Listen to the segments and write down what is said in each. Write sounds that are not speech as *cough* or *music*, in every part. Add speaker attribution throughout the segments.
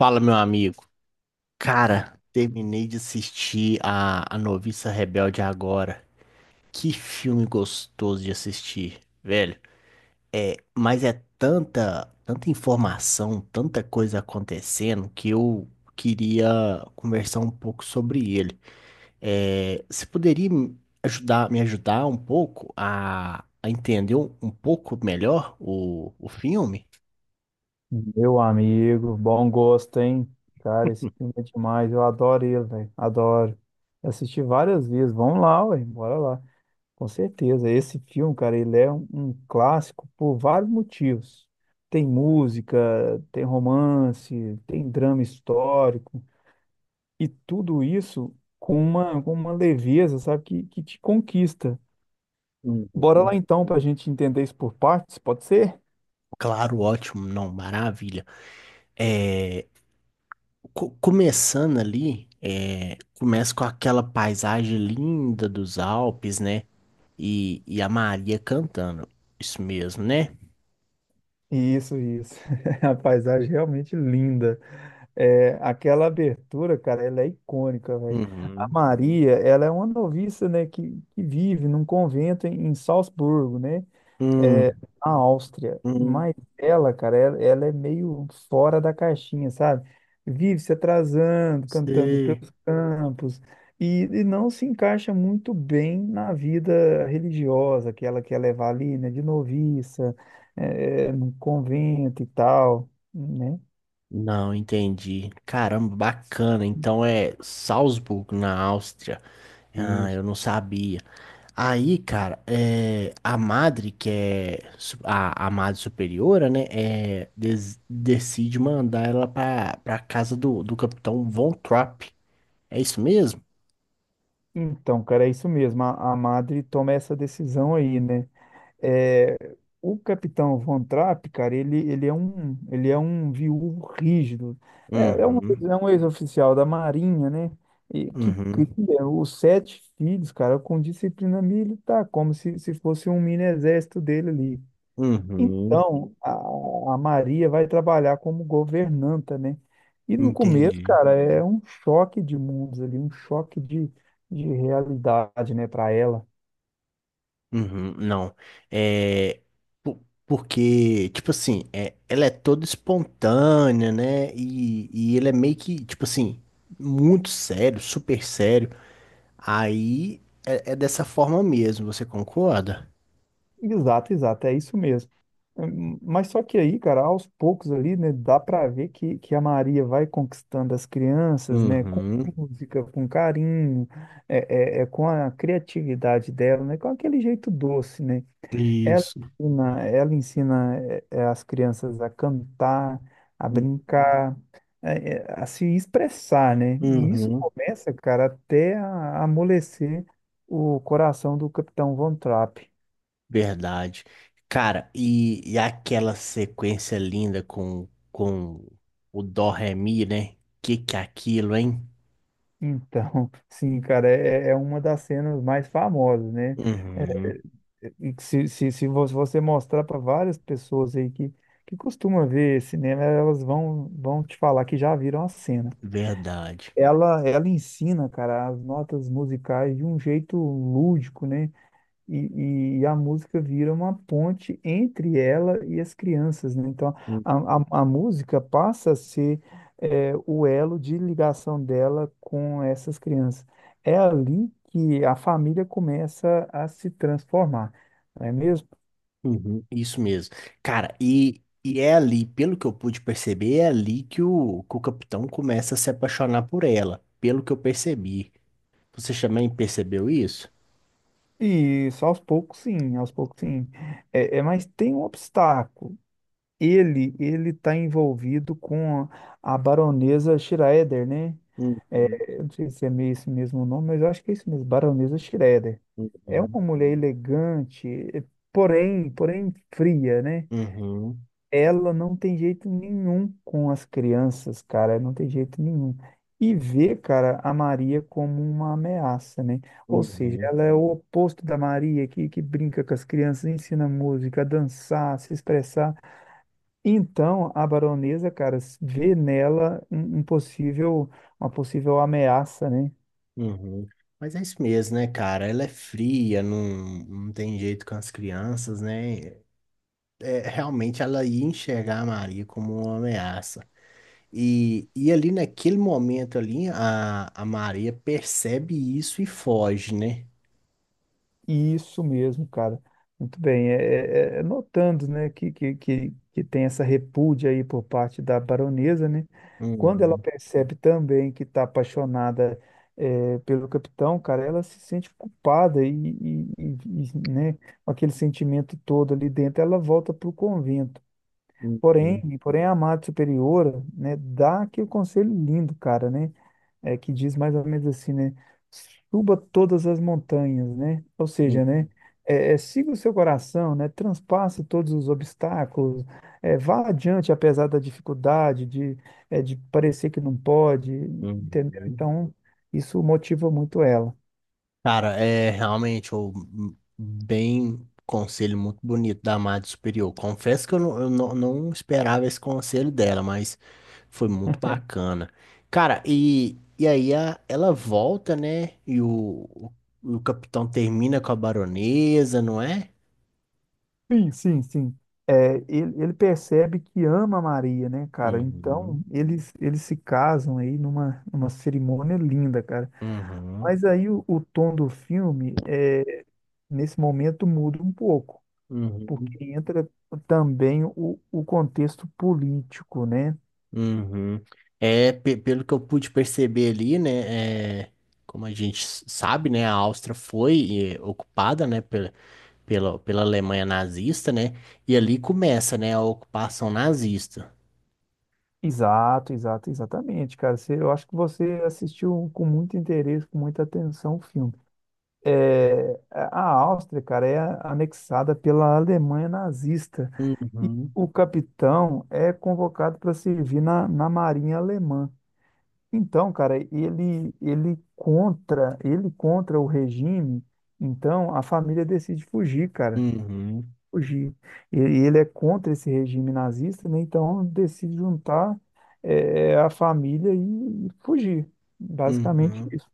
Speaker 1: Fala, meu amigo. Cara, terminei de assistir a Noviça Rebelde agora. Que filme gostoso de assistir, velho. É, mas é tanta, tanta informação, tanta coisa acontecendo que eu queria conversar um pouco sobre ele. É, você poderia me ajudar um pouco a entender um pouco melhor o filme?
Speaker 2: Meu amigo, bom gosto, hein? Cara, esse filme é demais. Eu adoro ele, velho. Adoro. Eu assisti várias vezes. Vamos lá, ué. Bora lá. Com certeza. Esse filme, cara, ele é um clássico por vários motivos. Tem música, tem romance, tem drama histórico. E tudo isso com uma leveza, sabe, que te conquista. Bora lá
Speaker 1: Uhum.
Speaker 2: então, pra gente entender isso por partes, pode ser?
Speaker 1: Claro, ótimo, não, maravilha. É, começando ali, é, começa com aquela paisagem linda dos Alpes, né? E a Maria cantando. Isso mesmo, né?
Speaker 2: Isso. *laughs* A paisagem é realmente linda. É, aquela abertura, cara, ela é icônica, velho. A
Speaker 1: Uhum.
Speaker 2: Maria, ela é uma noviça, né, que vive num convento em Salzburgo, né, é,
Speaker 1: Hum,
Speaker 2: na Áustria.
Speaker 1: hum,
Speaker 2: Mas ela, cara, ela é meio fora da caixinha, sabe? Vive se atrasando, cantando
Speaker 1: sei.
Speaker 2: pelos campos e não se encaixa muito bem na vida religiosa que ela quer levar ali, né, de noviça, é, no convento e tal, né?
Speaker 1: Não, entendi. Caramba, bacana. Então é Salzburgo, na Áustria. Ah, eu não sabia. Aí, cara, é, a madre, que é a madre superiora, né, é, decide mandar ela pra, pra casa do, do capitão Von Trapp. É isso mesmo?
Speaker 2: Então, cara, é isso mesmo. A Madre toma essa decisão aí, né? É, o Capitão Von Trapp, cara, ele é um, ele é um viúvo rígido. É, é um,
Speaker 1: Uhum,
Speaker 2: é um ex-oficial da Marinha, né? E que
Speaker 1: uhum,
Speaker 2: cria os sete filhos, cara, com disciplina militar, como se fosse um mini exército dele ali.
Speaker 1: uhum,
Speaker 2: Então, a Maria vai trabalhar como governanta, né? E no começo,
Speaker 1: entendi.
Speaker 2: cara, é um choque de mundos ali, um choque de realidade, né, para ela.
Speaker 1: Uhum, não, é, porque, tipo assim, é, ela é toda espontânea, né, e ele é meio que, tipo assim, muito sério, super sério. Aí é, é dessa forma mesmo, você concorda?
Speaker 2: Exato, exato, é isso mesmo. Mas só que aí, cara, aos poucos ali, né, dá para ver que a Maria vai conquistando as crianças, né, com
Speaker 1: Uhum.
Speaker 2: música, com carinho, com a criatividade dela, né, com aquele jeito doce, né?
Speaker 1: Isso.
Speaker 2: Ela ensina as crianças a cantar, a brincar, a se expressar, né? E isso
Speaker 1: Uhum.
Speaker 2: começa, cara, até a amolecer o coração do Capitão Von Trapp.
Speaker 1: Verdade. Cara, e aquela sequência linda com o Dó Ré Mi, né? Que é aquilo, hein?
Speaker 2: Então, *laughs* sim, cara, é, é uma das cenas mais famosas, né? É,
Speaker 1: Uhum.
Speaker 2: e que se vo- você mostrar para várias pessoas aí que costumam ver cinema, elas vão, vão te falar que já viram a cena.
Speaker 1: Verdade.
Speaker 2: Ela ensina, cara, as notas musicais de um jeito lúdico, né? E a música vira uma ponte entre ela e as crianças, né? Então, a música passa a ser é, o elo de ligação dela com essas crianças. É ali que a família começa a se transformar, não é mesmo?
Speaker 1: Uhum, isso mesmo. Cara, e é ali, pelo que eu pude perceber, é ali que o capitão começa a se apaixonar por ela. Pelo que eu percebi. Você também percebeu isso?
Speaker 2: E só aos poucos, sim, aos poucos, sim. É, é, mas tem um obstáculo. Ele está envolvido com a baronesa Schroeder, né? É,
Speaker 1: Uhum,
Speaker 2: eu não sei se é meio esse mesmo nome, mas eu acho que é isso mesmo, baronesa Schroeder. É
Speaker 1: uhum,
Speaker 2: uma mulher elegante, eh, porém fria, né?
Speaker 1: uhum,
Speaker 2: Ela não tem jeito nenhum com as crianças, cara, não tem jeito nenhum. E vê, cara, a Maria como uma ameaça, né? Ou seja,
Speaker 1: uhum,
Speaker 2: ela é o oposto da Maria, que brinca com as crianças, ensina música, a dançar, a se expressar. Então, a baronesa, cara, s- vê nela um, um possível, uma possível ameaça, né?
Speaker 1: uhum. Mas é isso mesmo, né, cara? Ela é fria, não, não tem jeito com as crianças, né? É, realmente ela ia enxergar a Maria como uma ameaça. E ali naquele momento ali, a Maria percebe isso e foge, né?
Speaker 2: Isso mesmo, cara. Muito bem. É notando, né, que tem essa repúdia aí por parte da baronesa, né? Quando ela
Speaker 1: Uhum,
Speaker 2: percebe também que está apaixonada, é, pelo capitão, cara, ela se sente culpada né, com aquele sentimento todo ali dentro, ela volta para o convento. Porém,
Speaker 1: uhum,
Speaker 2: porém a amada superiora, né, dá aquele conselho lindo, cara, né? É, que diz mais ou menos assim, né? Suba todas as montanhas, né? Ou seja,
Speaker 1: uhum,
Speaker 2: né? Siga o seu coração, né? Transpasse todos os obstáculos, é, vá adiante apesar da dificuldade, de, é, de parecer que não pode, entendeu?
Speaker 1: uhum.
Speaker 2: Então, isso motiva muito ela.
Speaker 1: Cara, é realmente o bem conselho muito bonito da Amada Superior. Confesso que eu não, não esperava esse conselho dela, mas foi muito bacana. Cara, e aí ela volta, né? E o capitão termina com a baronesa, não é?
Speaker 2: Sim, sim, sim. É, ele percebe que ama a Maria, né, cara? Então,
Speaker 1: Uhum,
Speaker 2: eles se casam aí numa cerimônia linda, cara.
Speaker 1: uhum,
Speaker 2: Mas aí o tom do filme, é, nesse momento, muda um pouco,
Speaker 1: uhum,
Speaker 2: porque entra também o contexto político, né?
Speaker 1: uhum. É, pelo que eu pude perceber ali, né? É, como a gente sabe, né? A Áustria foi ocupada, né? Pela Alemanha nazista, né? E ali começa, né, a ocupação nazista.
Speaker 2: Exato, exato, exatamente, cara. Você- eu acho que você assistiu com muito interesse, com muita atenção o filme. É, a Áustria, cara, é anexada pela Alemanha nazista. E
Speaker 1: Uhum,
Speaker 2: o capitão é convocado para servir na Marinha Alemã. Então, cara, ele contra o regime, então a família decide fugir, cara,
Speaker 1: uhum,
Speaker 2: fugir. E ele é contra esse regime nazista, né? Então decide juntar a família e fugir. Basicamente
Speaker 1: uhum.
Speaker 2: isso.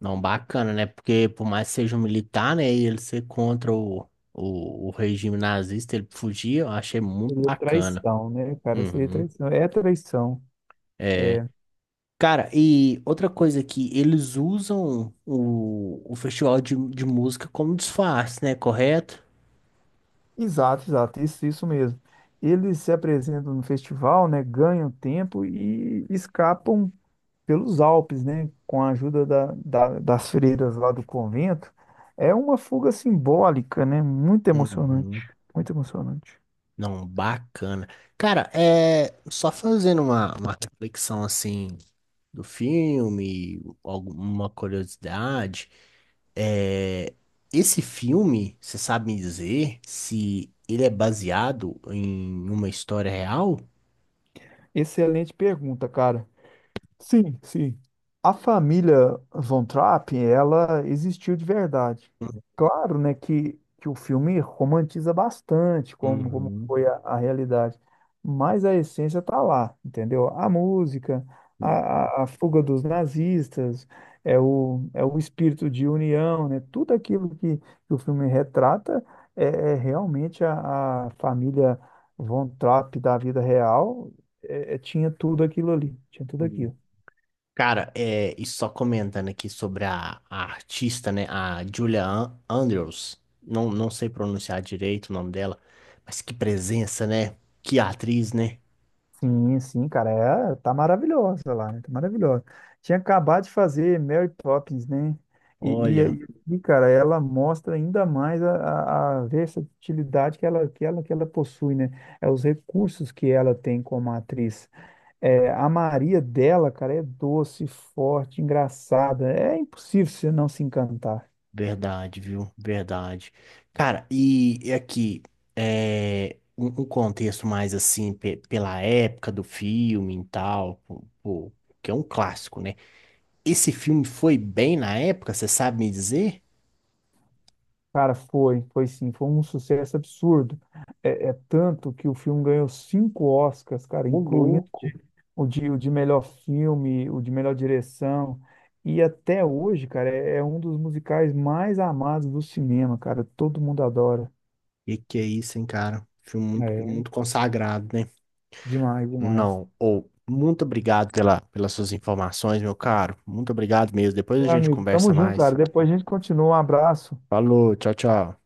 Speaker 1: Não, bacana, né? Porque por mais que seja um militar, né, e ele ser contra o regime nazista, ele fugir, eu achei muito
Speaker 2: Seria
Speaker 1: bacana.
Speaker 2: traição, né, cara? Seria
Speaker 1: Uhum,
Speaker 2: traição. É traição.
Speaker 1: é. Cara, e outra coisa que eles usam o festival de música como disfarce, né? Correto?
Speaker 2: Exato, exato, isso mesmo. Eles se apresentam no festival, né, ganham tempo e escapam pelos Alpes, né, com a ajuda das freiras lá do convento. É uma fuga simbólica, né, muito
Speaker 1: Uhum.
Speaker 2: emocionante, muito emocionante.
Speaker 1: Não, bacana. Cara, é só fazendo uma reflexão assim do filme, alguma curiosidade. É, esse filme, você sabe me dizer se ele é baseado em uma história real?
Speaker 2: Excelente pergunta, cara. Sim, sim. A família Von Trapp, ela existiu de verdade. Claro, né, que o filme romantiza bastante como, como
Speaker 1: Uhum,
Speaker 2: foi a realidade, mas a essência tá lá, entendeu? A música, a,
Speaker 1: uhum,
Speaker 2: a, a fuga dos nazistas, é o espírito de união, né? Tudo aquilo que o filme retrata é, é realmente a família Von Trapp da vida real, tinha tudo aquilo ali, tinha tudo
Speaker 1: uhum.
Speaker 2: aquilo.
Speaker 1: Cara, é, e só comentando aqui sobre a artista, né? A Julia Andrews. Não, não sei pronunciar direito o nome dela, mas que presença, né? Que atriz, né?
Speaker 2: Sim, sim, cara, é, tá maravilhosa lá, né? Tá maravilhosa. Tinha acabado de fazer Mary Poppins, né? E,
Speaker 1: Olha,
Speaker 2: aí, e, cara, ela mostra ainda mais a versatilidade que ela possui, né? É os recursos que ela tem como atriz. É, a Maria dela, cara, é doce, forte, engraçada. É impossível você não se encantar.
Speaker 1: verdade, viu? Verdade. Cara, e aqui, é, um contexto mais assim, pela época do filme e tal, pô, pô, que é um clássico, né? Esse filme foi bem na época, você sabe me dizer?
Speaker 2: Cara, foi, foi sim, foi um sucesso absurdo. É, é tanto que o filme ganhou cinco Oscars, cara,
Speaker 1: Ô,
Speaker 2: incluindo
Speaker 1: louco.
Speaker 2: o de melhor filme, o de melhor direção. E até hoje, cara, é, é um dos musicais mais amados do cinema, cara. Todo mundo adora.
Speaker 1: E que é isso, hein, cara? Filme muito,
Speaker 2: É,
Speaker 1: muito consagrado, né?
Speaker 2: demais, demais.
Speaker 1: Não, ou muito obrigado pela, pelas suas informações, meu caro. Muito obrigado mesmo. Depois a
Speaker 2: Meu
Speaker 1: gente
Speaker 2: amigo,
Speaker 1: conversa
Speaker 2: tamo junto,
Speaker 1: mais.
Speaker 2: cara. Depois a gente continua. Um abraço.
Speaker 1: Falou, tchau, tchau.